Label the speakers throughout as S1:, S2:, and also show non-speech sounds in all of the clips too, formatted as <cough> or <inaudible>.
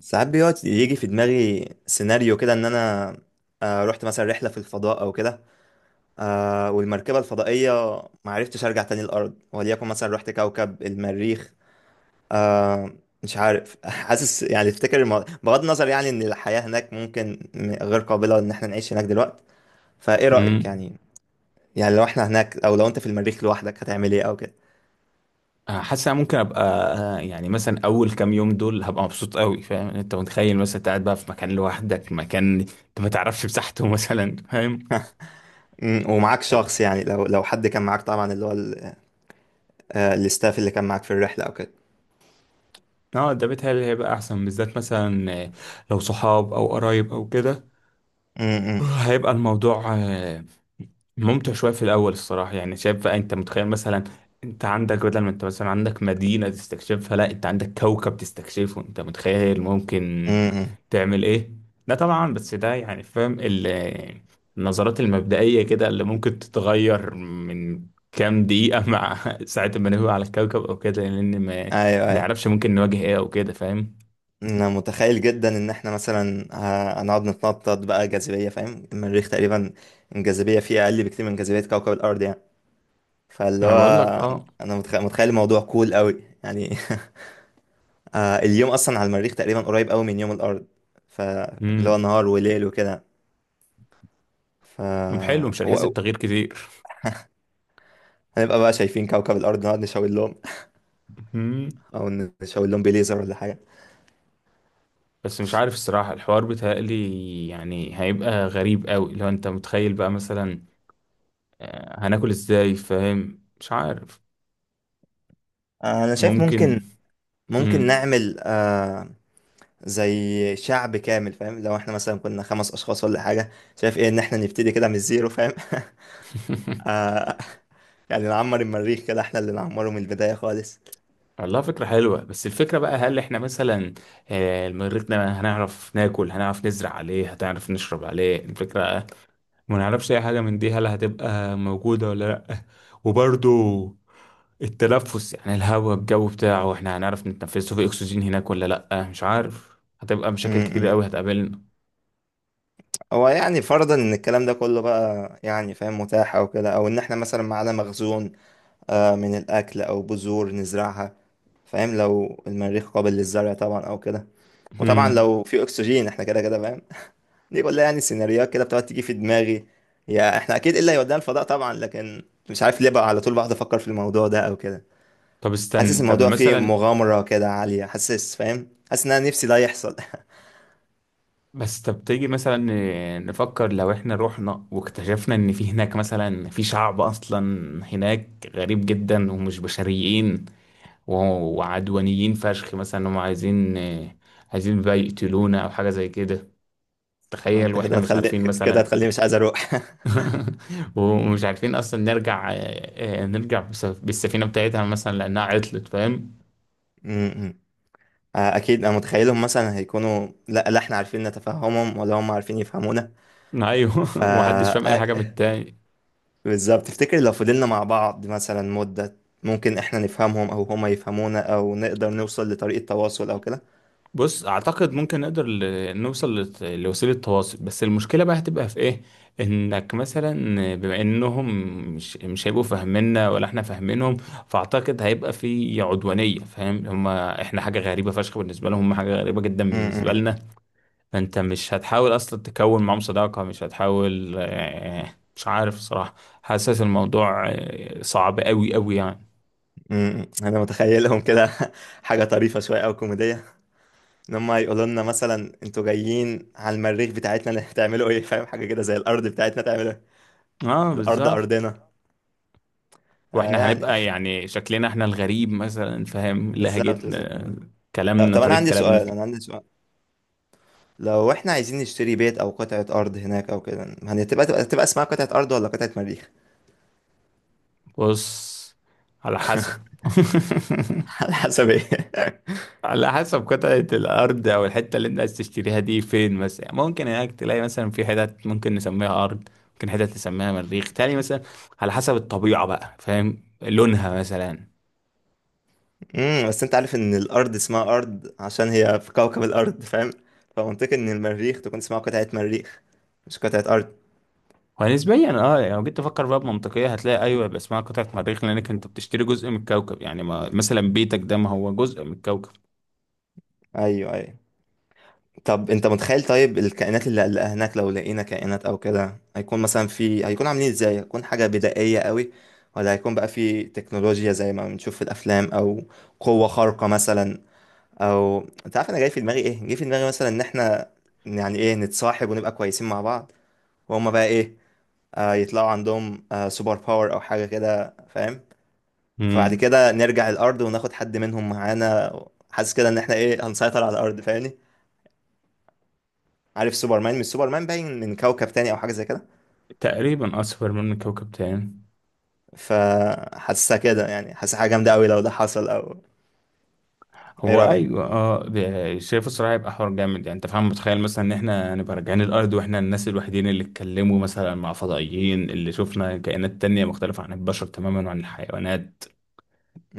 S1: ساعات بيقعد يجي في دماغي سيناريو كده ان انا، رحت مثلا رحله في الفضاء او كده. والمركبه الفضائيه ما عرفتش ارجع تاني الارض، وليكن مثلا رحت كوكب المريخ. آه، مش عارف. <laughs> حاسس يعني افتكر بغض النظر يعني ان الحياه هناك ممكن غير قابله ان احنا نعيش هناك دلوقتي. فايه رايك
S2: امم
S1: يعني؟ يعني لو احنا هناك، او لو انت في المريخ لوحدك، هتعمل ايه او كده؟
S2: حاسس أنا ممكن ابقى. يعني مثلا اول كام يوم دول هبقى مبسوط قوي، فاهم؟ انت متخيل مثلا أنت قاعد بقى في مكان لوحدك، مكان انت ما تعرفش مساحته <laughs> مثلا، فاهم؟
S1: ومعاك شخص، يعني لو حد كان معاك طبعا، اللي هو الاستاف اللي كان معاك في الرحله او كده.
S2: اه، ده بيتهيألي هيبقى احسن، بالذات مثلا لو صحاب او قرايب او كده.
S1: م- م-
S2: هيبقى الموضوع ممتع شوية في الأول الصراحة. يعني شايف بقى، أنت متخيل مثلا أنت عندك، بدل ما أنت مثلا عندك مدينة تستكشفها، لا أنت عندك كوكب تستكشفه. أنت متخيل
S1: م-
S2: ممكن
S1: م.
S2: تعمل إيه؟ لا طبعا، بس ده يعني فاهم النظرات المبدئية كده اللي ممكن تتغير من كام دقيقة مع <laughs> ساعة ما نهوي على الكوكب أو كده، لأن ما
S1: ايوه ايوه.
S2: نعرفش ممكن نواجه إيه أو كده، فاهم؟
S1: انا متخيل جدا ان احنا مثلا هنقعد نتنطط بقى. جاذبيه فاهم، المريخ تقريبا الجاذبيه فيه اقل بكتير من جاذبيه كوكب الارض يعني. فاللي
S2: ما أنا
S1: هو،
S2: بقول لك أه.
S1: انا متخيل الموضوع كول قوي يعني. <laughs> اليوم اصلا على المريخ تقريبا قريب قوي من يوم الارض، فاللي هو
S2: امم
S1: نهار وليل وكده. ف
S2: حلو، مش هنحس
S1: و-
S2: بتغيير كتير.
S1: هنبقى بقى شايفين كوكب الارض، نقعد نشاور لهم، او نشاور لهم بليزر ولا حاجه.
S2: بس مش عارف الصراحة، الحوار بيتهيألي يعني هيبقى غريب قوي لو انت متخيل بقى مثلا هناكل ازاي، فاهم؟ مش عارف.
S1: انا شايف ممكن.
S2: ممكن.
S1: ممكن
S2: مم.
S1: نعمل زي شعب كامل فاهم، لو احنا مثلا كنا خمس اشخاص ولا حاجه. شايف ايه ان احنا نبتدي كده من الزيرو فاهم؟ <laughs>
S2: <laughs>
S1: آه، يعني نعمر المريخ كده، احنا اللي نعمره من البدايه خالص.
S2: والله فكرة حلوة، بس الفكرة بقى هل احنا مثلا المريخ ده هنعرف ناكل، هنعرف نزرع عليه، هتعرف نشرب عليه؟ الفكرة ما نعرفش اي حاجه من دي، هل هتبقى موجوده ولا لا. وبرضو التنفس، يعني الهواء الجو بتاعه، احنا هنعرف نتنفسه؟ في اكسجين هناك ولا لا؟ مش عارف، هتبقى
S1: م-
S2: مشاكل كتير
S1: م.
S2: قوي هتقابلنا.
S1: هو يعني فرضا ان الكلام ده كله بقى يعني فاهم، متاح او كده، او ان احنا مثلا معانا مخزون من الاكل، او بذور نزرعها فاهم، لو المريخ قابل للزرع طبعا او كده. وطبعا
S2: هم.
S1: لو في اكسجين احنا كده كده فاهم. دي كلها يعني سيناريوهات كده بتقعد تيجي في دماغي. يا احنا اكيد الا يودينا الفضاء طبعا، لكن مش عارف ليه بقى على طول بقعد افكر في الموضوع ده او كده.
S2: طب
S1: حاسس
S2: استنى، طب
S1: الموضوع فيه
S2: مثلا،
S1: مغامرة كده عالية، حاسس فاهم، حاسس ان انا نفسي ده يحصل.
S2: بس طب تيجي مثلا نفكر لو احنا رحنا واكتشفنا ان في هناك مثلا في شعب اصلا هناك غريب جدا ومش بشريين وعدوانيين فشخ، مثلا هم عايزين بقى يقتلونا او حاجه زي كده.
S1: <laughs>
S2: تخيل
S1: انت كده
S2: واحنا مش
S1: هتخلي،
S2: عارفين
S1: كده
S2: مثلا
S1: هتخليني مش عايز اروح. <laughs>
S2: <laughs> ومش عارفين اصلا نرجع. نرجع بالسفينه بتاعتها مثلا لانها عطلت، فاهم؟
S1: م- م. اكيد انا متخيلهم مثلا هيكونوا لا لا احنا عارفين نتفهمهم ولا هم عارفين يفهمونا.
S2: ايوه
S1: ف
S2: <laughs> ومحدش فاهم اي حاجه من
S1: آه،
S2: التاني.
S1: بالظبط. تفتكر لو فضلنا مع بعض مثلا مدة، ممكن احنا نفهمهم او هما يفهمونا، او نقدر نوصل لطريقة تواصل او كده؟
S2: بص، اعتقد ممكن نقدر نوصل لوسيله تواصل، بس المشكله بقى هتبقى في ايه؟ انك مثلا بما انهم مش هيبقوا فاهميننا ولا احنا فاهمينهم، فاعتقد هيبقى في عدوانيه. فاهم؟ هما احنا حاجه غريبه فشخ بالنسبه لهم، هما حاجه غريبه جدا
S1: م-
S2: بالنسبه
S1: م.
S2: لنا. انت مش هتحاول اصلا تكون معاهم صداقة، مش هتحاول مش عارف صراحة. حاسس الموضوع صعب قوي يعني.
S1: انا متخيلهم كده. <laughs> حاجه طريفه شويه او كوميديه، ان هم يقولوا لنا مثلا انتوا جايين على المريخ بتاعتنا، <laughs> هتعملوا ايه؟ فاهم، حاجه كده زي الارض بتاعتنا، تعملوا ايه؟
S2: اه
S1: الارض
S2: بالظبط.
S1: ارضنا.
S2: واحنا
S1: يعني.
S2: هنبقى يعني شكلنا احنا الغريب مثلا، فاهم؟
S1: <laughs> بالظبط بالظبط.
S2: لهجتنا،
S1: طب
S2: كلامنا،
S1: طب، انا
S2: طريقة
S1: عندي
S2: كلامنا.
S1: سؤال. لو احنا عايزين نشتري بيت او قطعه ارض هناك او كده، هتبقى تبقى تبقى اسمها قطعه ارض ولا قطعه مريخ؟
S2: بص، على حسب. <laughs>
S1: <laughs> على حسب ايه؟
S2: على حسب قطعة الأرض أو الحتة اللي أنت عايز تشتريها دي فين مثلا. يعني ممكن هناك تلاقي مثلا في حتت ممكن نسميها أرض، ممكن حتت نسميها مريخ تاني مثلا، على حسب الطبيعة بقى، فاهم؟ لونها مثلا.
S1: امم، بس انت عارف ان الارض اسمها ارض عشان هي في كوكب الارض فاهم، فمنطقي ان المريخ تكون اسمها قطعه مريخ، مش قطعه ارض.
S2: ونسبيا اه، يعني لو جيت تفكر بقى بمنطقية هتلاقي أيوه، يبقى اسمها قطعة مريخ، لأنك أنت بتشتري جزء من الكوكب. يعني ما مثلا بيتك ده ما هو جزء من الكوكب.
S1: ايوه ايوه. طب انت متخيل طيب الكائنات اللي هناك، لو لقينا كائنات او كده، هيكون مثلا في هيكون عاملين ازاي؟ هيكون حاجة بدائية قوي، ولا هيكون بقى في تكنولوجيا زي ما بنشوف في الافلام، او قوة خارقة مثلا، او، انت عارف انا جاي في دماغي ايه؟ جاي في دماغي مثلا ان احنا يعني ايه نتصاحب ونبقى كويسين مع بعض، وهم بقى ايه آه يطلعوا عندهم آه سوبر باور او حاجة كده فاهم، فبعد
S2: امم،
S1: كده نرجع الارض وناخد حد منهم معانا. حاسس كده ان احنا ايه هنسيطر على الارض فاهمني؟ عارف سوبرمان؟ مش سوبرمان باين من كوكب تاني او حاجه زي كده؟
S2: تقريبا أصفر من كوكب تاني.
S1: فحاسسها كده يعني، حاسسها حاجه جامده قوي لو ده حصل. او، ايه
S2: هو
S1: رايك؟
S2: ايوه اه، شايف الصراحه هيبقى حوار جامد، يعني انت فاهم، متخيل مثلا ان احنا هنبقى راجعين الارض واحنا الناس الوحيدين اللي اتكلموا مثلا مع فضائيين، اللي شفنا كائنات تانية مختلفه عن البشر تماما وعن الحيوانات.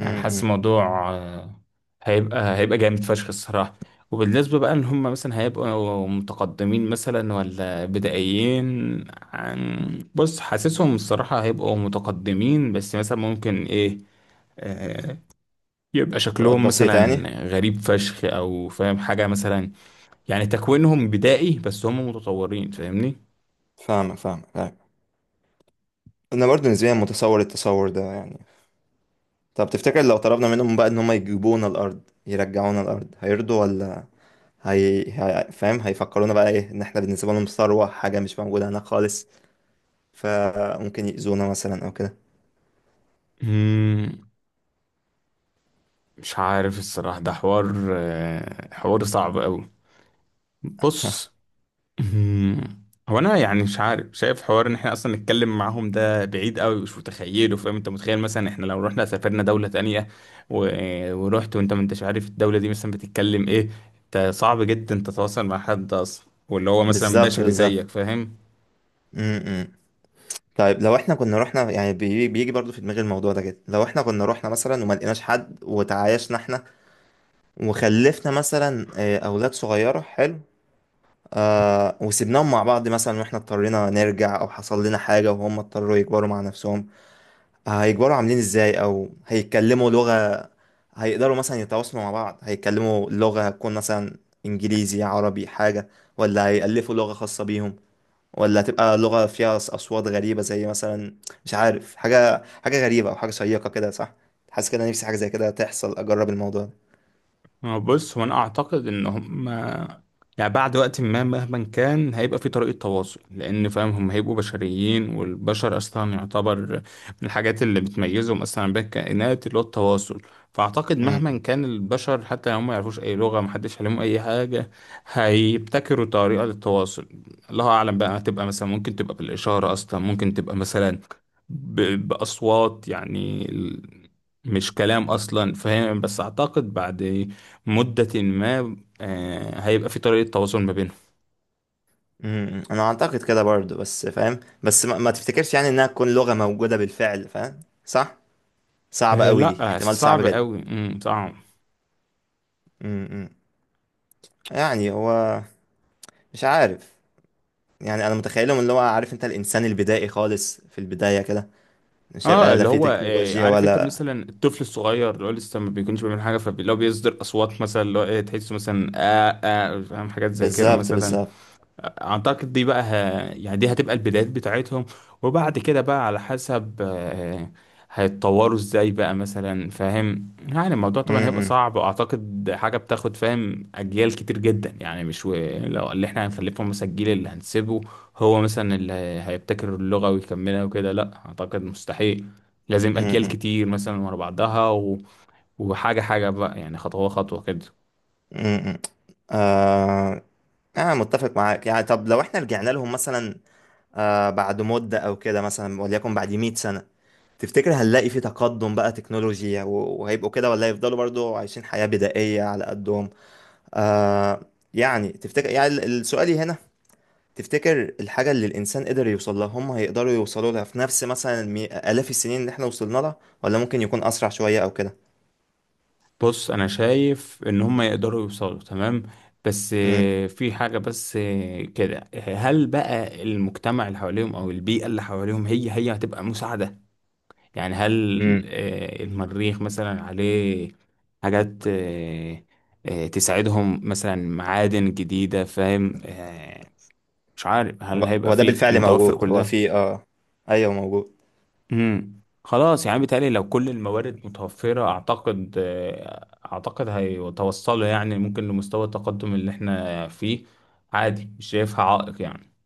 S2: يعني حاسس الموضوع هيبقى جامد فشخ الصراحه. وبالنسبه بقى ان هم مثلا هيبقوا متقدمين مثلا ولا بدائيين، عن بص حاسسهم الصراحه هيبقوا متقدمين، بس مثلا ممكن ايه، آه، يبقى
S1: فروقات
S2: شكلهم
S1: بسيطه يعني.
S2: مثلا غريب فشخ او فاهم حاجة مثلا. يعني تكوينهم بدائي بس هم متطورين، فاهمني؟
S1: فاهمك فاهمك فاهمك. انا برضو نسبيا متصور التصور ده يعني. طب تفتكر لو طلبنا منهم بقى ان هم يجيبونا الارض، يرجعونا الارض، هيرضوا ولا فاهم؟ هيفكرونا بقى ايه؟ ان احنا بالنسبه لهم ثروه، حاجه مش موجوده هناك خالص، فممكن يأذونا مثلا او كده.
S2: مم، مش عارف الصراحة، ده حوار حوار صعب قوي. بص. مم. هو انا يعني مش عارف، شايف حوار ان احنا اصلا نتكلم معاهم ده بعيد قوي، مش متخيله. فاهم؟ انت متخيل مثلا احنا لو رحنا سافرنا دولة تانية ورحت وانت ما انتش عارف الدولة دي مثلا بتتكلم ايه، انت صعب جدا تتواصل مع حد اصلا واللي هو مثلا
S1: بالظبط
S2: بشري
S1: بالظبط.
S2: زيك، فاهم؟
S1: م- م. طيب لو احنا كنا رحنا يعني، بيجي برضو في دماغي الموضوع ده كده، لو احنا كنا رحنا مثلا وما لقيناش حد وتعايشنا احنا وخلفنا مثلا اولاد صغيره حلو، آه وسيبناهم مع بعض مثلا، واحنا اضطرينا نرجع او حصل لنا حاجه، وهم اضطروا يكبروا مع نفسهم، آه هيكبروا عاملين ازاي، او هيتكلموا لغه، هيقدروا مثلا يتواصلوا مع بعض؟ هيتكلموا لغه هتكون مثلا انجليزي عربي حاجه، ولا هيألفوا لغه خاصه بيهم، ولا هتبقى لغة فيها أصوات غريبة زي مثلا، مش عارف، حاجة، حاجة غريبة أو حاجة شيقة كده، صح؟ حاسس كده نفسي حاجة زي كده تحصل، أجرب الموضوع ده.
S2: هو بص، هو انا اعتقد ان هم يعني بعد وقت ما مهما كان هيبقى في طريقة تواصل، لان فاهم هم هيبقوا بشريين، والبشر اصلا يعتبر من الحاجات اللي بتميزهم اصلا بين الكائنات اللي هو التواصل. فاعتقد مهما
S1: امم
S2: كان البشر حتى لو هم ما يعرفوش اي لغة، محدش عليهم اي حاجة، هيبتكروا طريقة للتواصل. الله اعلم بقى هتبقى مثلا، ممكن تبقى بالاشارة اصلا، ممكن تبقى مثلا باصوات، يعني مش كلام اصلا، فاهم؟ بس اعتقد بعد مدة ما هيبقى في طريقة تواصل ما بينهم.
S1: أمم. أنا أعتقد كده برضه بس فاهم، بس ما تفتكرش يعني إنها تكون لغة موجودة بالفعل فاهم؟ صح. صعبة قوي دي،
S2: لا
S1: احتمال صعب
S2: صعب
S1: جدا.
S2: قوي، صعب.
S1: إمم. يعني هو، مش عارف، يعني أنا متخيلهم اللي هو عارف أنت الإنسان البدائي خالص في البداية كده، مش
S2: اه،
S1: هيبقى لا
S2: اللي
S1: في
S2: هو
S1: تكنولوجيا
S2: عارف انت
S1: ولا.
S2: مثلا الطفل الصغير اللي هو لسه ما بيكونش بيعمل حاجة، فلو بيصدر اصوات مثلا اللي هو إيه، تحسه مثلا آه آه، فاهم؟ حاجات زي كده
S1: بالظبط
S2: مثلا.
S1: بالظبط.
S2: اعتقد دي بقى يعني دي هتبقى البدايات بتاعتهم. وبعد كده بقى على حسب هيتطوروا ازاي بقى مثلا، فاهم؟ يعني الموضوع طبعا
S1: امم
S2: هيبقى
S1: امم
S2: صعب، واعتقد حاجه بتاخد فاهم اجيال كتير جدا يعني. مش لو اللي احنا هنخلفهم مثلا الجيل اللي هنسيبه هو مثلا اللي هيبتكر اللغه ويكملها وكده، لا اعتقد مستحيل. لازم
S1: إمم،
S2: اجيال
S1: إمم.
S2: كتير مثلا ورا بعضها وحاجه حاجه بقى، يعني خطوه خطوه كده.
S1: امم امم. آه أنا متفق معاك يعني. طب لو إحنا رجعنا لهم مثلا آه بعد مدة أو كده، مثلا وليكن بعد 100 سنة، تفتكر هنلاقي في تقدم بقى تكنولوجيا وهيبقوا كده، ولا يفضلوا برضو عايشين حياة بدائية على قدهم؟ آه يعني، تفتكر يعني السؤالي هنا، تفتكر الحاجة اللي الإنسان قدر يوصل لها، هم هيقدروا يوصلوا لها في نفس مثلا آلاف السنين اللي إحنا وصلنا لها، ولا ممكن يكون أسرع شوية أو كده؟
S2: بص انا شايف ان هم يقدروا يوصلوا تمام، بس
S1: امم
S2: في حاجة بس كده، هل بقى المجتمع اللي حواليهم او البيئة اللي حواليهم هي هتبقى مساعدة؟ يعني هل
S1: امم.
S2: المريخ مثلا عليه حاجات تساعدهم، مثلا معادن جديدة، فاهم؟ مش عارف هل
S1: هو
S2: هيبقى
S1: هو ده
S2: فيه
S1: بالفعل
S2: متوفر
S1: موجود.
S2: كل
S1: هو
S2: ده.
S1: في آه أيوه موجود.
S2: خلاص، يعني بيتهيألي لو كل الموارد متوفرة أعتقد أعتقد هيتوصلوا يعني ممكن لمستوى التقدم اللي احنا فيه عادي، مش شايفها عائق يعني.